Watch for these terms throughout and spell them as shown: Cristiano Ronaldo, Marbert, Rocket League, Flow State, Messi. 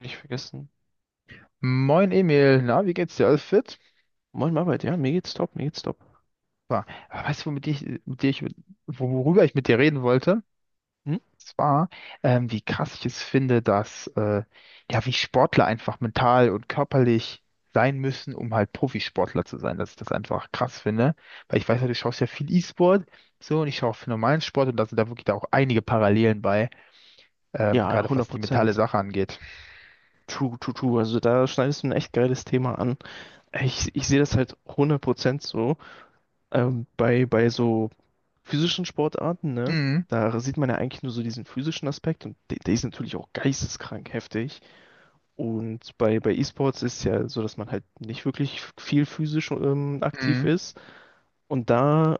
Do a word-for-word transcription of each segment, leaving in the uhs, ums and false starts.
Nicht vergessen. Moin Emil, na, wie geht's dir? Alles fit? Moin Marbert, ja, mir geht's top, mir geht's top. Super. Aber Weißt du, womit ich, mit dir ich, worüber ich mit dir reden wollte? Hm? Zwar, ähm, wie krass ich es finde, dass, äh, ja, wie Sportler einfach mental und körperlich sein müssen, um halt Profisportler zu sein, dass ich das einfach krass finde. Weil ich weiß ja, du schaust ja viel E-Sport, so, und ich schaue auch viel normalen Sport und da sind da wirklich da auch einige Parallelen bei, ähm, Ja, gerade hundert was die mentale Prozent Sache angeht. True, true, true. Also da schneidest du ein echt geiles Thema an. Ich, ich sehe das halt hundert Prozent so. Ähm, bei, bei so physischen Sportarten, ne? Mhm. Da sieht man ja eigentlich nur so diesen physischen Aspekt und der, der ist natürlich auch geisteskrank heftig. Und bei, bei E-Sports ist ja so, dass man halt nicht wirklich viel physisch ähm, aktiv Mhm. ist. Und da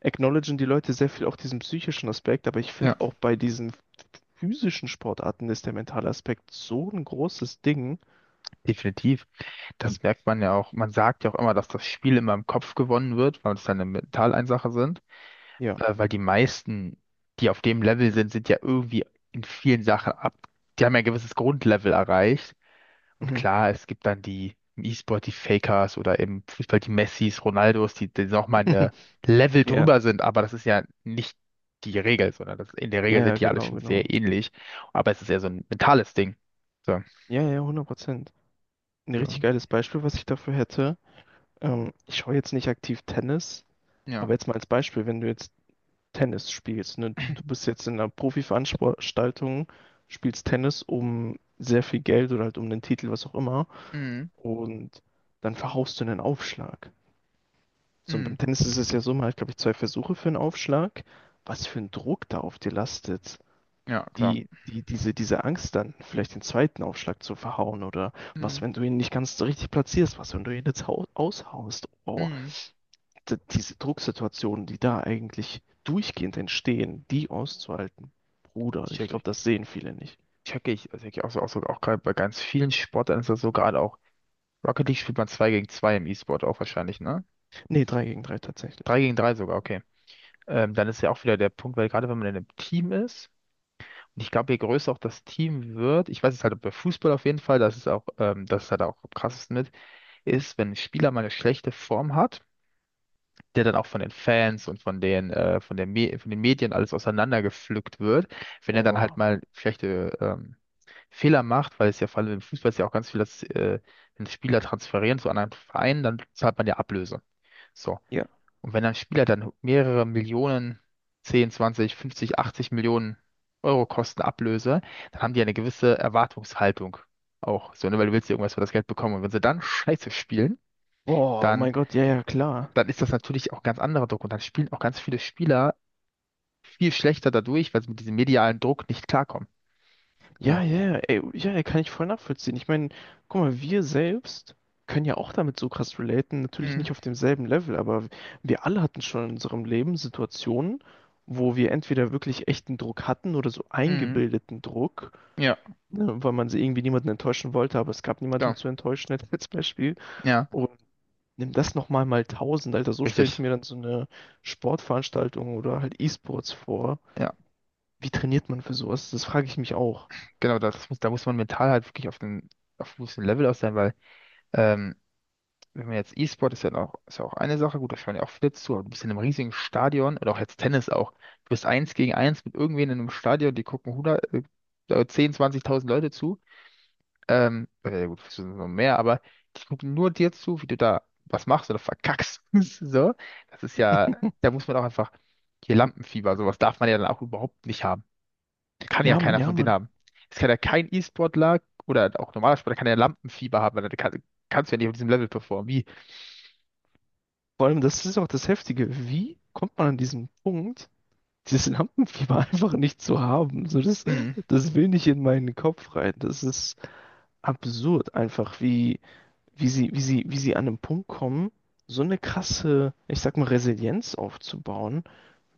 acknowledgen die Leute sehr viel auch diesen psychischen Aspekt, aber ich Ja, finde auch bei diesen physischen Sportarten ist der mentale Aspekt so ein großes Ding. definitiv. Das merkt man ja auch. Man sagt ja auch immer, dass das Spiel immer im Kopf gewonnen wird, weil es dann eine Mentaleinsache sind. Ja. Äh, weil die meisten, die auf dem Level sind, sind ja irgendwie in vielen Sachen ab. Die haben ja ein gewisses Grundlevel erreicht. Und Mhm. klar, es gibt dann die im E-Sport, die Fakers oder im Fußball die Messis, Ronaldos, die, die nochmal eine Level Ja, drüber sind. Aber das ist ja nicht die Regel, sondern das, in der ja, Regel ja, sind die alle genau, schon genau. sehr ähnlich. Aber es ist ja so ein mentales Ding. So, Ja, ja, hundert Prozent. Ein richtig so. geiles Beispiel, was ich dafür hätte. Ähm, ich schaue jetzt nicht aktiv Tennis, Ja. aber jetzt mal als Beispiel, wenn du jetzt Tennis spielst, ne, du bist jetzt in einer Profiveranstaltung, spielst Tennis um sehr viel Geld oder halt um den Titel, was auch immer, Mhm. und dann verhaust du einen Aufschlag. So, und beim Mhm. Tennis ist es ja so, man hat, glaube ich, zwei Versuche für einen Aufschlag. Was für ein Druck da auf dir lastet. Ja, klar. Die, die, diese, diese Angst dann, vielleicht den zweiten Aufschlag zu verhauen oder was, Mhm. wenn du ihn nicht ganz so richtig platzierst, was, wenn du ihn jetzt hau- aushaust. Oh, Mhm. d- diese Drucksituationen, die da eigentlich durchgehend entstehen, die auszuhalten. Bruder, ich Check ich. glaube, das sehen viele nicht. Check ich. Also ich auch, so- auch, so, auch gerade bei ganz vielen Sportarten ist das so gerade auch. Rocket League spielt man zwei gegen zwei im E-Sport auch wahrscheinlich, ne? Nee, drei gegen drei drei tatsächlich. gegen drei sogar, okay. Ähm, dann ist ja auch wieder der Punkt, weil gerade wenn man in einem Team ist, und ich glaube, je größer auch das Team wird, ich weiß es halt bei Fußball auf jeden Fall, das ist auch, ähm, das ist halt auch am krassesten mit, ist, wenn ein Spieler mal eine schlechte Form hat, der dann auch von den Fans und von den, äh, von der Me von den Medien alles auseinandergepflückt wird, wenn er dann halt Oh, mal schlechte ähm, Fehler macht, weil es ja vor allem im Fußball ist ja auch ganz viel, dass äh, wenn Spieler transferieren zu anderen Vereinen, dann zahlt man ja Ablöse. So. ja. Und wenn ein Spieler dann mehrere Millionen, zehn, zwanzig, fünfzig, achtzig Millionen Euro kosten Ablöse, dann haben die eine gewisse Erwartungshaltung auch. So, ne? Weil du willst ja irgendwas für das Geld bekommen. Und wenn sie dann Scheiße spielen, Oh, oh dann mein Gott, ja, ja, klar. dann ist das natürlich auch ganz anderer Druck und dann spielen auch ganz viele Spieler viel schlechter dadurch, weil sie mit diesem medialen Druck nicht klarkommen. So. Ja, ja, ja, ey, ja, ja, kann ich voll nachvollziehen. Ich meine, guck mal, wir selbst können ja auch damit so krass relaten, natürlich Mhm. nicht auf demselben Level, aber wir alle hatten schon in unserem Leben Situationen, wo wir entweder wirklich echten Druck hatten oder so Mhm. eingebildeten Druck, Ja, ne, weil man sie irgendwie niemanden enttäuschen wollte, aber es gab niemanden ja, zu enttäuschen, jetzt als Beispiel. ja, Und nimm das nochmal mal mal tausend, Alter, so stelle ich richtig. mir dann so eine Sportveranstaltung oder halt E-Sports vor. Ja, Wie trainiert man für sowas? Das frage ich mich auch. genau, das muss, da muss man mental halt wirklich auf einem auf einem gewissen Level aus sein, weil ähm, wenn man jetzt E-Sport ist ja auch, ist ja auch eine Sache, gut, da schauen ja auch viele zu, aber du bist in einem riesigen Stadion oder auch jetzt Tennis auch, du bist eins gegen eins mit irgendwen in einem Stadion, die gucken hundert, äh, zehn, zwanzigtausend Leute zu. Ähm, oder ja gut, es sind noch mehr, aber die gucken nur dir zu, wie du da was machst oder verkackst. So, das ist ja, da muss man auch einfach, hier Lampenfieber, sowas darf man ja dann auch überhaupt nicht haben. Kann ja Ja, Mann, keiner ja, von denen Mann. haben. Es kann ja kein E-Sportler oder auch normaler Sportler kann ja Lampenfieber haben, weil da kann, kannst du ja nicht auf diesem Level performen. Wie? Vor allem, das ist auch das Heftige. Wie kommt man an diesen Punkt, dieses Lampenfieber einfach nicht zu haben? So, das, Mhm. das will nicht in meinen Kopf rein. Das ist absurd einfach, wie, wie sie, wie sie, wie sie an einen Punkt kommen, so eine krasse, ich sag mal, Resilienz aufzubauen,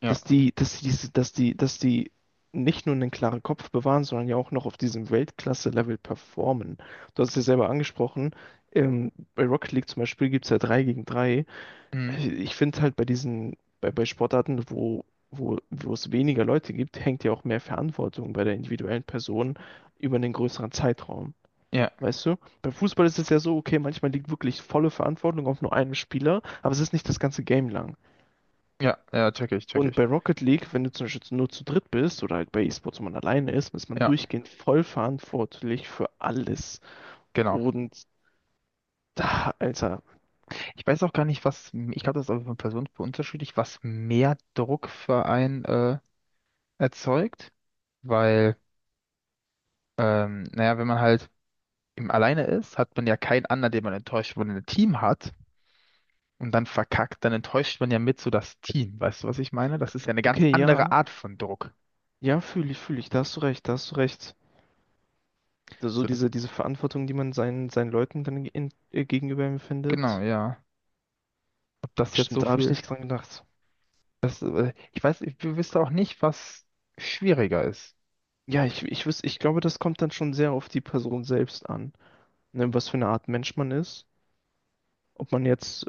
Ja, dass die, dass die, diese- dass die, dass die nicht nur einen klaren Kopf bewahren, sondern ja auch noch auf diesem Weltklasse-Level performen. Du hast es ja selber angesprochen, ähm, bei Rocket League zum Beispiel gibt es ja drei gegen drei. mhm. Ich finde halt bei diesen, bei, bei Sportarten, wo, wo, wo es weniger Leute gibt, hängt ja auch mehr Verantwortung bei der individuellen Person über einen größeren Zeitraum. Ja, Weißt du? Beim Fußball ist es ja so, okay, manchmal liegt wirklich volle Verantwortung auf nur einem Spieler, aber es ist nicht das ganze Game lang. ja, ja, check ich, check Und ich. bei Rocket League, wenn du zum Beispiel nur zu dritt bist oder halt bei E-Sports, wo man alleine ist, ist man Ja, durchgehend voll verantwortlich für alles. genau. Und da, Alter, Ich weiß auch gar nicht, was, ich glaube, das ist auch von Person zu Person unterschiedlich, was mehr Druck für einen äh, erzeugt, weil Ähm, naja, wenn man halt eben alleine ist, hat man ja keinen anderen, den man enttäuscht. Wenn man ein Team hat und dann verkackt, dann enttäuscht man ja mit so das Team. Weißt du, was ich meine? Das ist ja eine ganz okay, andere ja, Art von Druck. ja, fühle ich, fühle ich, da hast du recht, da hast du recht. so So, das, diese, diese Verantwortung, die man seinen, seinen Leuten dann in, äh, gegenüber genau, empfindet. ja. Ob das jetzt so Stimmt, da habe ich viel. nicht dran gedacht. Das, äh, ich weiß, ich wüsste auch nicht, was schwieriger ist. Ja, ich, ich wüsste, ich glaube, das kommt dann schon sehr auf die Person selbst an, ne, was für eine Art Mensch man ist. Ob man jetzt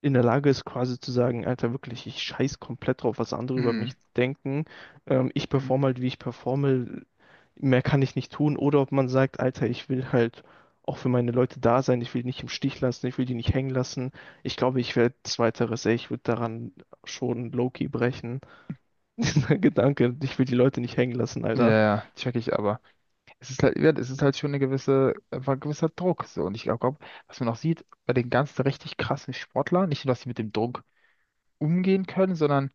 in der Lage ist, quasi zu sagen, Alter, wirklich, ich scheiß komplett drauf, was andere über Hm. mich denken. Ähm, ich hm. performe halt, wie ich performe, mehr kann ich nicht tun. Oder ob man sagt, Alter, ich will halt auch für meine Leute da sein, ich will die nicht im Stich lassen, ich will die nicht hängen lassen. Ich glaube, ich werde zweiteres, ey, ich würde daran schon low-key brechen. Dieser Gedanke, ich will die Leute nicht hängen lassen, Ja, Alter. ja, check ich aber. Es ist halt, ja, es ist halt schon eine gewisse, einfach ein gewisser Druck. So. Und ich glaube, was man auch sieht, bei den ganzen richtig krassen Sportlern, nicht nur, dass sie mit dem Druck umgehen können, sondern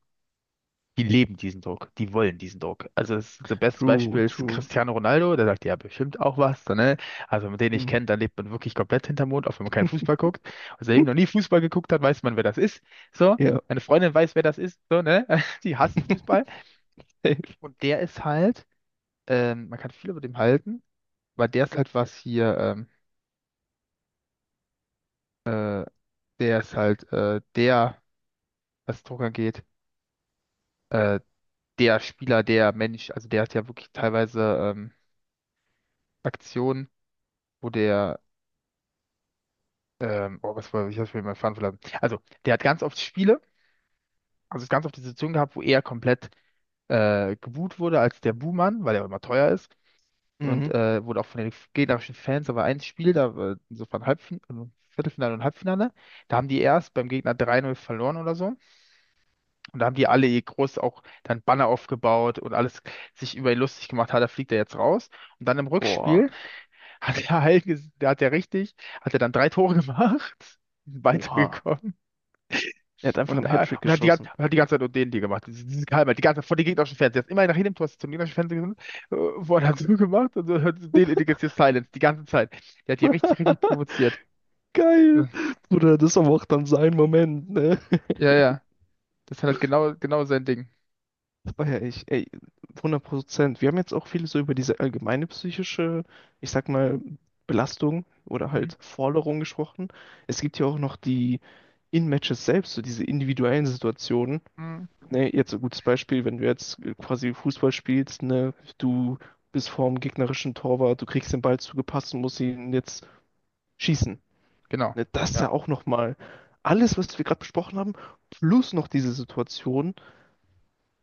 die leben diesen Druck, die wollen diesen Druck. Also das, das beste Beispiel True, ist true. Cristiano Ronaldo, der sagt ja bestimmt auch was, so, ne? Also wenn man den nicht Mhm. kennt, dann lebt man wirklich komplett hinterm Mond, auch wenn man keinen Fußball guckt. Also eben noch nie Fußball geguckt hat, weiß man, wer das ist. So, Ja. meine Freundin weiß, wer das ist, so, ne? Die hasst Fußball. Safe. Und der ist halt, ähm, man kann viel über dem halten, weil der ist halt was hier, ähm, der ist halt äh, der, was Druck angeht, äh, der Spieler, der Mensch, also der hat ja wirklich teilweise ähm, Aktionen, wo der Ähm, oh, was war, ich hab's mir mal fahren verlassen. Also, der hat ganz oft Spiele, also es ganz oft die Situation gehabt, wo er komplett äh, geboot wurde als der Buhmann, weil er immer teuer ist. Und Mhm. äh, wurde auch von den gegnerischen Fans, aber ein Spiel, da war insofern Halbfinale, Viertelfinale und Halbfinale, da haben die erst beim Gegner drei Null verloren oder so. Und da haben die alle ihr groß auch dann Banner aufgebaut und alles sich über ihn lustig gemacht, hat, da fliegt er jetzt raus. Und dann im Boah, Rückspiel hat er halt, ges- da hat er richtig, hat er dann drei Tore gemacht, oha. weitergekommen. Er hat einfach Und, einen äh, Hattrick und hat die ganze, geschossen. und hat die ganze Zeit nur den die gemacht. Diese, diese Geheimheit, die ganze Zeit vor dem gegnerischen Fernseher. Ist immer nach jedem Tor ist zum gegnerischen Fernseher gesund. Äh, Wort hat so gemacht und so hat den etikettiert Silence die ganze Zeit. Der hat die richtig, richtig provoziert. Geil. Ja, Bruder, das ist aber auch dann sein Moment, ne? ja. ja. Das ist halt genau, genau sein Ding. Das feier ich. Ey, hundert Prozent. Wir haben jetzt auch viel so über diese allgemeine psychische, ich sag mal, Belastung oder Mhm. halt Forderung gesprochen. Es gibt ja auch noch die In-Matches selbst, so diese individuellen Situationen. Mhm. Ne, jetzt so ein gutes Beispiel, wenn du jetzt äh, quasi Fußball spielst, ne, du bist vorm gegnerischen Torwart, du kriegst den Ball zugepasst und musst ihn jetzt schießen. Genau. Ne, das ist Ja, ja auch nochmal alles, was wir gerade besprochen haben, plus noch diese Situation.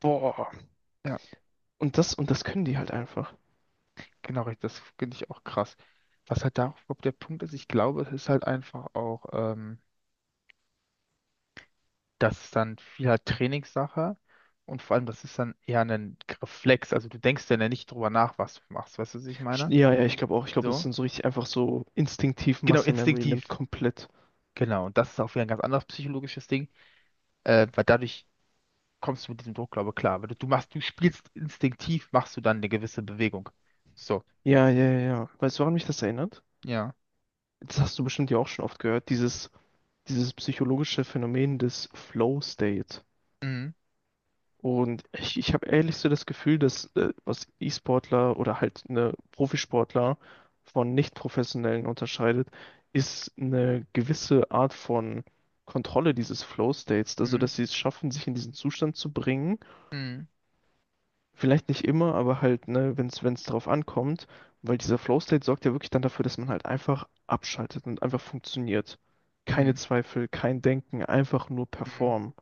Boah, ja, und das, und das können die halt einfach. genau richtig. Das finde ich auch krass. Was halt da überhaupt der Punkt ist, ich glaube, es ist halt einfach auch, ähm, das ist dann viel halt Trainingssache und vor allem, das ist dann eher ein Reflex. Also du denkst dann ja nicht drüber nach, was du machst. Weißt du, was ich Sch- meine? Ja, ja, ich glaube auch. Ich glaube, das So, sind so richtig einfach so instinktiv genau, Muscle Memory, nimmt instinktiv. komplett. Genau, und das ist auch wieder ein ganz anderes psychologisches Ding, äh, weil dadurch kommst du mit diesem Druck, glaube ich, klar. Weil du, du machst, du spielst instinktiv, machst du dann eine gewisse Bewegung. So, Ja, ja, ja, ja. Weißt du, woran mich das erinnert? ja. Das hast du bestimmt ja auch schon oft gehört, dieses, dieses psychologische Phänomen des Flow State. Mhm, Und ich, ich habe ehrlich so das Gefühl, dass äh, was E-Sportler oder halt eine Profisportler von Nicht-Professionellen unterscheidet, ist eine gewisse Art von Kontrolle dieses Flow-States. Also, mhm, dass sie es schaffen, sich in diesen Zustand zu bringen. mhm, Vielleicht nicht immer, aber halt, ne, wenn es wenn es darauf ankommt, weil dieser Flow-State sorgt ja wirklich dann dafür, dass man halt einfach abschaltet und einfach funktioniert. Keine mhm, Zweifel, kein Denken, einfach nur mhm. performen.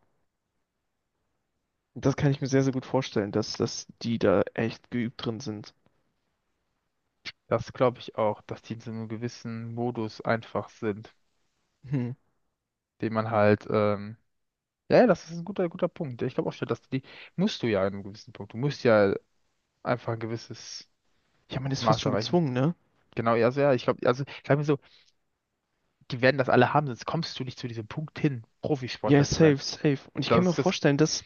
Das kann ich mir sehr, sehr gut vorstellen, dass, dass die da echt geübt drin sind. Das glaube ich auch, dass die in so einem gewissen Modus einfach sind, Hm. den man halt, ähm, ja, ja, das ist ein guter, guter Punkt. Ich glaube auch schon, dass die, musst du ja in einem gewissen Punkt, du musst ja einfach ein gewisses Ja, man ist fast Maß schon erreichen. gezwungen, ne? Genau, ja, also ja, ich glaube, also, ich habe mir so die werden das alle haben, sonst kommst du nicht zu diesem Punkt hin, Ja, Profisportler zu sein. safe, safe. Und ich kann Das mir auch ist das, vorstellen, dass,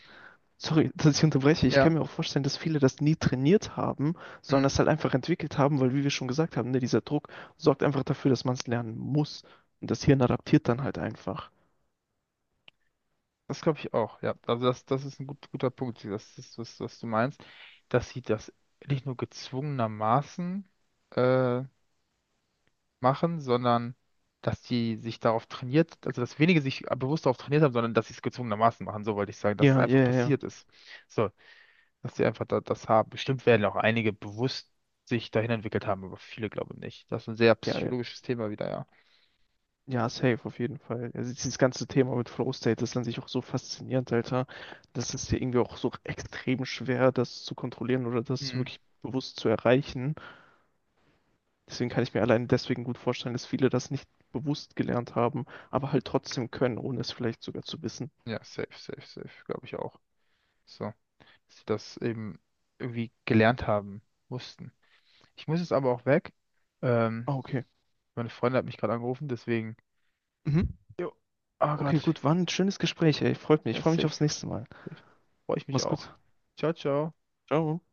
sorry, dass ich unterbreche, ich kann ja, mir auch vorstellen, dass viele das nie trainiert haben, sondern mm, das halt einfach entwickelt haben, weil, wie wir schon gesagt haben, ne, dieser Druck sorgt einfach dafür, dass man es lernen muss. Und das Hirn adaptiert dann halt einfach. das glaube ich auch, ja. Also das, das ist ein gut, guter Punkt, das ist, was, was du meinst, dass sie das nicht nur gezwungenermaßen äh, machen, sondern dass die sich darauf trainiert, also dass wenige sich bewusst darauf trainiert haben, sondern dass sie es gezwungenermaßen machen, so wollte ich sagen, dass es Ja, einfach ja, ja. passiert ist. So, dass sie einfach da, das haben. Bestimmt werden auch einige bewusst sich dahin entwickelt haben, aber viele glaube ich nicht. Das ist ein sehr Ja, ja. psychologisches Thema wieder, ja. Ja, safe, auf jeden Fall. Also dieses ganze Thema mit Flow State ist an sich auch so faszinierend, Alter. Das ist ja irgendwie auch so extrem schwer, das zu kontrollieren oder das Mhm. wirklich bewusst zu erreichen. Deswegen kann ich mir allein deswegen gut vorstellen, dass viele das nicht bewusst gelernt haben, aber halt trotzdem können, ohne es vielleicht sogar zu wissen. Ja, safe, safe, safe, glaube ich auch. So, dass sie das eben irgendwie gelernt haben mussten. Ich muss jetzt aber auch weg. Ähm, Ah, okay. meine Freundin hat mich gerade angerufen, deswegen. Mhm. Jo. Oh Okay, Gott. gut, war ein schönes Gespräch, ey. Freut mich. Ich Ja, freue mich safe, aufs nächste Mal. safe. Freue ich mich Mach's auch. gut. Ciao, ciao. Ciao.